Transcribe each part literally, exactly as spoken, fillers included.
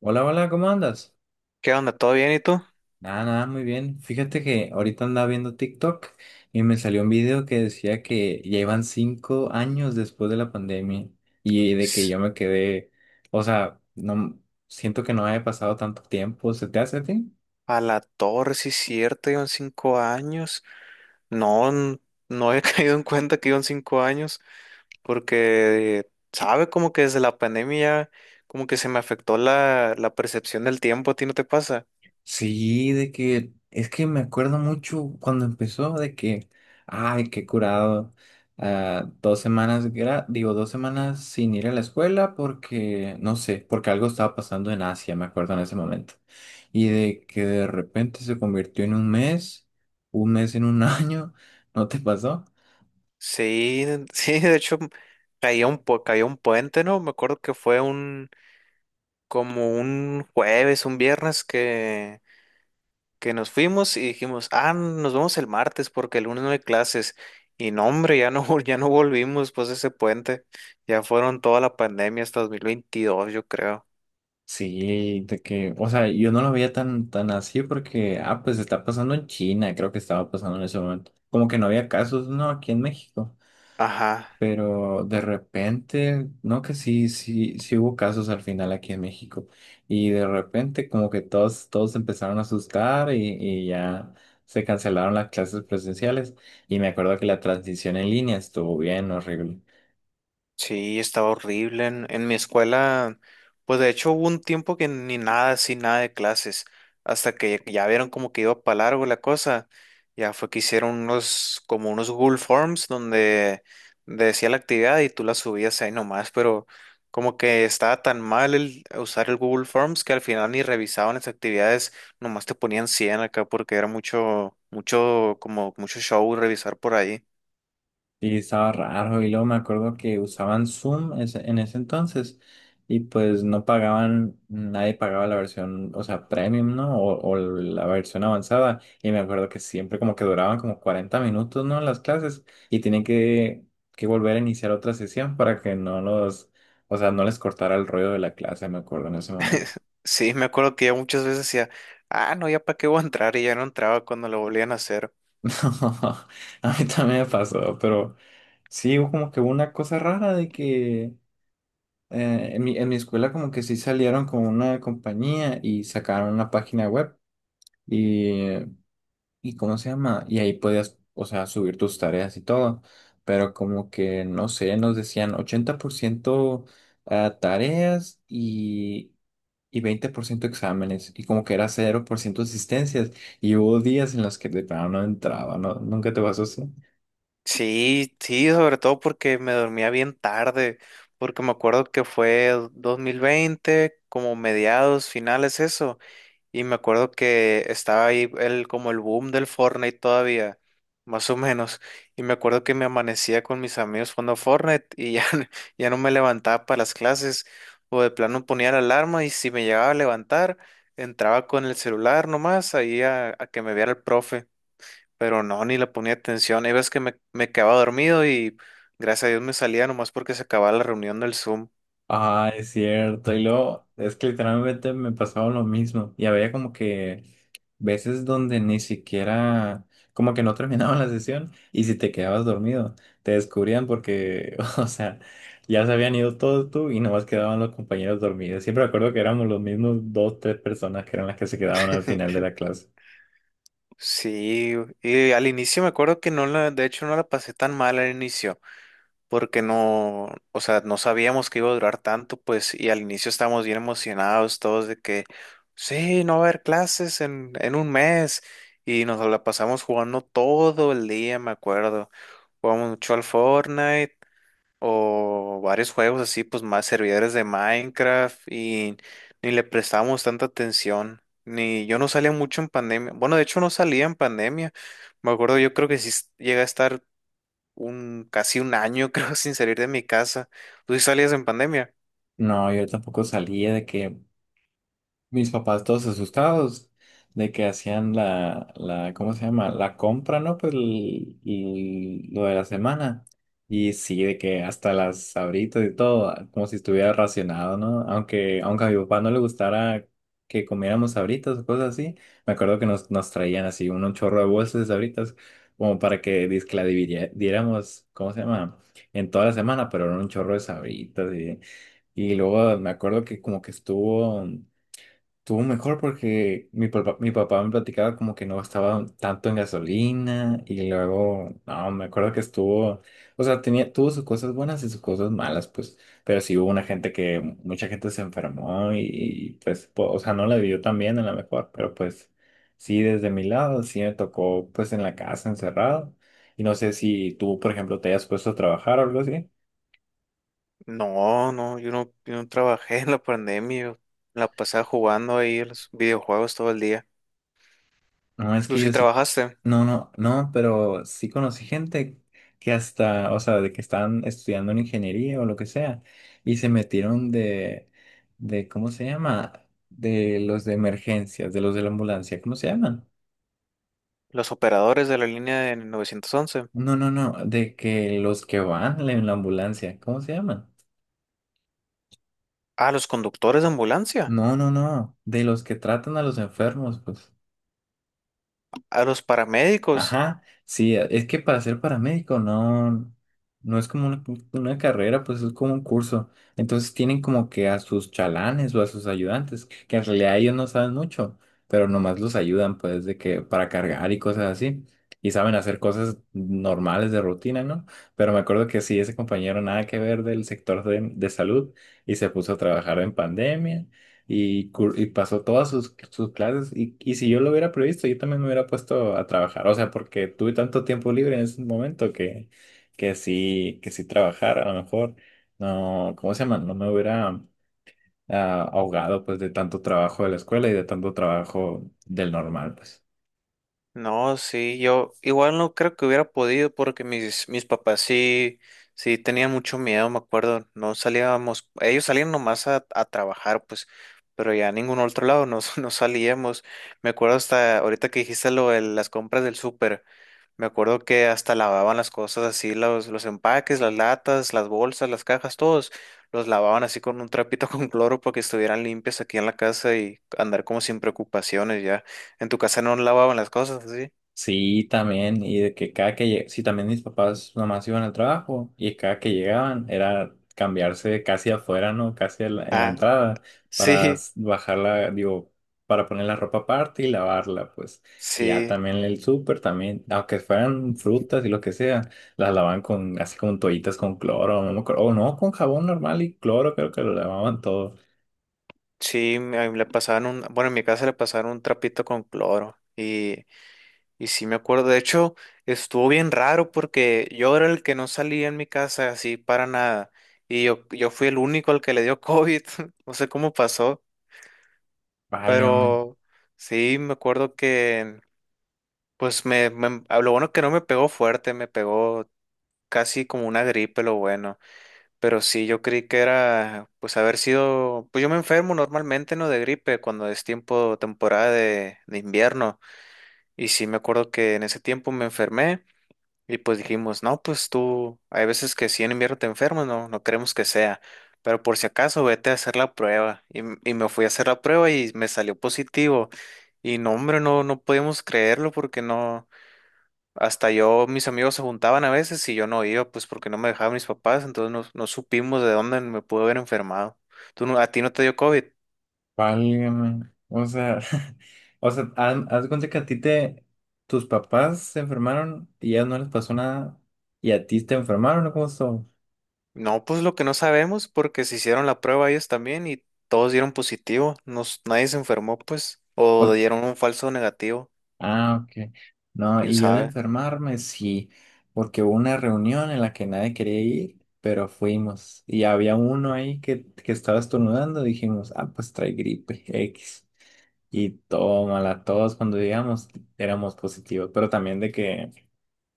Hola, hola, ¿cómo andas? ¿Qué onda? ¿Todo bien y tú? Nada, nada, muy bien. Fíjate que ahorita andaba viendo TikTok y me salió un video que decía que ya iban cinco años después de la pandemia y de que S- yo me quedé, o sea, no siento que no haya pasado tanto tiempo. ¿Se te hace a ti? A la torre, sí, es cierto, llevan cinco años. No, n- no he caído en cuenta que llevan cinco años, porque, ¿sabe? Como que desde la pandemia, como que se me afectó la, la percepción del tiempo, ¿a ti no te pasa? Sí, de que es que me acuerdo mucho cuando empezó de que, ay, qué curado, ah, dos semanas, gra- digo, dos semanas sin ir a la escuela porque, no sé, porque algo estaba pasando en Asia, me acuerdo en ese momento. Y de que de repente se convirtió en un mes, un mes en un año, ¿no te pasó? Sí, sí, de hecho, caía un, pu- caía un puente, ¿no? Me acuerdo que fue un, como un jueves, un viernes que nos fuimos y dijimos, ah, nos vemos el martes porque el lunes no hay clases. Y no, hombre, ya no, vol- ya no volvimos pues de ese puente. Ya fueron toda la pandemia hasta dos mil veintidós, yo creo. Sí, de que, o sea, yo no lo veía tan, tan así porque, ah, pues está pasando en China, creo que estaba pasando en ese momento. Como que no había casos, no, aquí en México. Ajá. Pero de repente, no que sí, sí, sí hubo casos al final aquí en México. Y de repente como que todos, todos se empezaron a asustar y, y ya se cancelaron las clases presenciales. Y me acuerdo que la transición en línea estuvo bien horrible. Sí, estaba horrible. En, en mi escuela, pues de hecho hubo un tiempo que ni nada, así nada de clases, hasta que ya vieron como que iba para largo la cosa. Ya fue que hicieron unos, como unos Google Forms donde decía la actividad y tú la subías ahí nomás, pero como que estaba tan mal el usar el Google Forms que al final ni revisaban las actividades, nomás te ponían cien acá porque era mucho, mucho, como mucho show revisar por ahí. Sí, estaba raro y luego me acuerdo que usaban Zoom ese- en ese entonces y pues no pagaban, nadie pagaba la versión, o sea, premium, ¿no? O, o la versión avanzada y me acuerdo que siempre como que duraban como cuarenta minutos, ¿no? Las clases y tenían que, que volver a iniciar otra sesión para que no los, o sea, no les cortara el rollo de la clase, me acuerdo en ese momento. Sí, me acuerdo que ya muchas veces decía, ah, no, ya para qué voy a entrar y ya no entraba cuando lo volvían a hacer. A mí también me pasó, pero sí, hubo como que una cosa rara de que... eh, en mi, en mi escuela como que sí salieron con una compañía y sacaron una página web y, y ¿cómo se llama? Y ahí podías, o sea, subir tus tareas y todo, pero como que, no sé, nos decían ochenta por ciento a tareas y, y veinte por ciento exámenes y como que era cero por ciento asistencias y hubo días en los que de plano no entraba, ¿no? ¿Nunca te pasó así? Sí, sí, sobre todo porque me dormía bien tarde, porque me acuerdo que fue dos mil veinte, como mediados, finales, eso. Y me acuerdo que estaba ahí el, como el boom del Fortnite todavía, más o menos. Y me acuerdo que me amanecía con mis amigos jugando Fortnite y ya, ya no me levantaba para las clases. O de plano ponía la alarma y si me llegaba a levantar, entraba con el celular nomás ahí a, a que me viera el profe. Pero no, ni le ponía atención. Hay veces que me, me quedaba dormido y gracias a Dios me salía nomás porque se acababa la reunión del Zoom. Ah, es cierto. Y luego, es que literalmente me pasaba lo mismo. Y había como que veces donde ni siquiera, como que no terminaban la sesión y si te quedabas dormido, te descubrían porque, o sea, ya se habían ido todos tú y nomás quedaban los compañeros dormidos. Siempre me acuerdo que éramos los mismos dos, tres personas que eran las que se quedaban al final de la clase. Sí, y al inicio me acuerdo que no la, de hecho no la pasé tan mal al inicio, porque no, o sea, no sabíamos que iba a durar tanto, pues, y al inicio estábamos bien emocionados todos de que, sí, no va a haber clases en, en un mes, y nos la pasamos jugando todo el día, me acuerdo. Jugamos mucho al Fortnite, o varios juegos así, pues más servidores de Minecraft y ni le prestábamos tanta atención. Ni yo no salía mucho en pandemia. Bueno, de hecho no salía en pandemia. Me acuerdo, yo creo que sí s- llegué a estar un casi un año, creo, sin salir de mi casa. ¿Tú sí salías en pandemia? No, yo tampoco salía de que mis papás todos asustados de que hacían la, la, ¿cómo se llama? La compra, ¿no? Pues el- el- lo de la semana. Y sí, de que hasta las sabritas y todo, como si estuviera racionado, ¿no? Aunque, aunque a mi papá no le gustara que comiéramos sabritas o cosas así, me acuerdo que nos, nos traían así un, un chorro de bolsas de sabritas, como para que dizque la dividiera- diéramos, ¿cómo se llama? En toda la semana, pero era un chorro de sabritas y... Y luego me acuerdo que como que estuvo, estuvo mejor porque mi papá, mi papá me platicaba como que no gastaba tanto en gasolina y luego, no, me acuerdo que estuvo, o sea, tenía, tuvo sus cosas buenas y sus cosas malas, pues, pero sí hubo una gente que, mucha gente se enfermó y, y, pues, po- o sea, no la vivió tan bien a lo mejor, pero pues, sí, desde mi lado, sí me tocó, pues, en la casa encerrado y no sé si tú, por ejemplo, te hayas puesto a trabajar o algo así. No, no, yo no, yo no trabajé en la pandemia. Yo la pasaba jugando ahí a los videojuegos todo el día. No, es ¿Tú que sí yo sí, trabajaste? no, no, no, pero sí conocí gente que hasta, o sea, de que estaban estudiando en ingeniería o lo que sea, y se metieron de, de, ¿cómo se llama? De los de emergencias, de los de la ambulancia, ¿cómo se llaman? Los operadores de la línea de novecientos once. No, no, no, de que los que van en la ambulancia, ¿cómo se llaman? Ah, los conductores de ambulancia. No, no, no, de los que tratan a los enfermos, pues. A los paramédicos. Ajá, sí, es que para ser paramédico no, no es como una, una carrera, pues es como un curso. Entonces tienen como que a sus chalanes o a sus ayudantes, que en realidad ellos no saben mucho, pero nomás los ayudan pues de que para cargar y cosas así. Y saben hacer cosas normales de rutina, ¿no? Pero me acuerdo que sí, ese compañero nada que ver del sector de, de salud y se puso a trabajar en pandemia y, cur- y pasó todas sus, sus clases y, y si yo lo hubiera previsto, yo también me hubiera puesto a trabajar, o sea, porque tuve tanto tiempo libre en ese momento que, que sí, que sí trabajar, a lo mejor, no, ¿cómo se llama? No me hubiera, ah, ahogado pues de tanto trabajo de la escuela y de tanto trabajo del normal, pues. No, sí, yo igual no creo que hubiera podido porque mis, mis papás sí, sí tenían mucho miedo, me acuerdo. No salíamos, ellos salían nomás a, a trabajar, pues, pero ya a ningún otro lado no, no salíamos. Me acuerdo hasta ahorita que dijiste lo de las compras del súper. Me acuerdo que hasta lavaban las cosas así, los, los empaques, las latas, las bolsas, las cajas, todos los lavaban así con un trapito con cloro para que estuvieran limpias aquí en la casa y andar como sin preocupaciones ya. En tu casa no lavaban las cosas así. Sí, también, y de que cada que lleg- sí, también mis papás nomás iban al trabajo y cada que llegaban era cambiarse casi afuera, ¿no? Casi en la, en la Ah, entrada para sí, s- bajarla, digo, para poner la ropa aparte y lavarla, pues. Y ya sí, también el súper también, aunque fueran frutas y lo que sea, las lavaban con, así como toallitas con cloro, no me acuerdo, o no, con jabón normal y cloro, creo que lo lavaban todo. sí, me- a mí le pasaban un, bueno, en mi casa le pasaron un trapito con cloro y Y sí me acuerdo, de hecho, estuvo bien raro porque yo era el que no salía en mi casa así para nada. Y yo, yo fui el único al que le dio COVID. No sé cómo pasó, Válgame. pero sí me acuerdo que, pues me, me- a lo bueno que no me pegó fuerte, me pegó casi como una gripe, lo bueno. Pero sí, yo creí que era, pues haber sido, pues yo me enfermo normalmente, ¿no? De gripe cuando es tiempo, temporada de, de invierno. Y sí me acuerdo que en ese tiempo me enfermé. Y pues dijimos, no, pues tú, hay veces que si en invierno te enfermas, no, no queremos que sea, pero por si acaso vete a hacer la prueba. Y, m- y me fui a hacer la prueba y me salió positivo. Y no, hombre, no, no podíamos creerlo porque no, hasta yo, mis amigos se juntaban a veces y yo no iba, pues porque no me dejaban mis papás, entonces no, no supimos de dónde me pude haber enfermado. ¿Tú no, a ti no te dio COVID? Válgame. O sea, o sea, haz, haz de cuenta que a ti te, tus papás se enfermaron y ya no les pasó nada y a ti te enfermaron, ¿o cómo estuvo? No, pues lo que no sabemos, porque se hicieron la prueba ellos también y todos dieron positivo. Nos, nadie se enfermó, pues, o O- dieron un falso negativo, Ah, ok. No, quién y yo de sabe. enfermarme, sí, porque hubo una reunión en la que nadie quería ir, pero fuimos y había uno ahí que, que estaba estornudando, dijimos, ah, pues trae gripe X. Y tómala, todos cuando llegamos éramos positivos, pero también de que...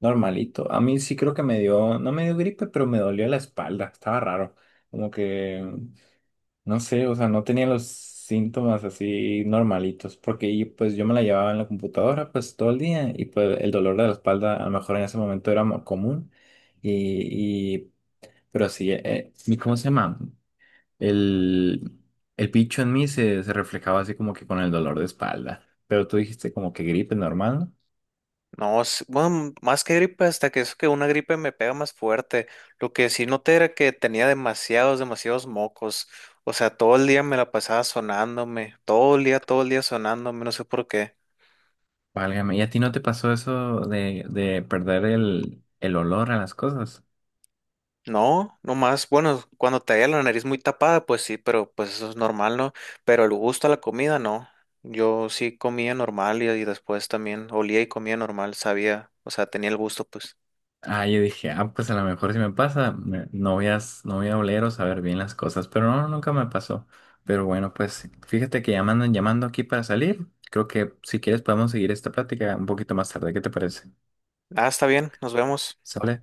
Normalito. A mí sí creo que me dio, no me dio gripe, pero me dolió la espalda. Estaba raro. Como que, no sé, o sea, no tenía los síntomas así normalitos, porque y, pues yo me la llevaba en la computadora pues todo el día y pues el dolor de la espalda a lo mejor en ese momento era mo- común. Y, y pero sí, eh, mi- ¿cómo se llama? El, el bicho en mí se, se reflejaba así como que con el dolor de espalda. Pero tú dijiste como que gripe normal, ¿no? No, s- bueno, más que gripe, hasta que eso que una gripe me pega más fuerte. Lo que sí noté era que tenía demasiados, demasiados mocos. O sea, todo el día me la pasaba sonándome, todo el día, todo el día sonándome, no sé por qué. Válgame, ¿y a ti no te pasó eso de, de perder el, el olor a las cosas? No, no más. Bueno, cuando te haya la nariz muy tapada, pues sí, pero pues eso es normal, ¿no? Pero el gusto a la comida, no. Yo sí comía normal y, y después también olía y comía normal, sabía, o sea, tenía el gusto, pues. Ah, yo dije, ah, pues a lo mejor si me pasa, me- no voy a, s- no voy a oler o saber bien las cosas, pero no, nunca me pasó. Pero bueno, pues fíjate que ya me andan llamando aquí para salir. Creo que si quieres podemos seguir esta plática un poquito más tarde, ¿qué te parece? Ah, está bien, nos vemos. ¿Sale?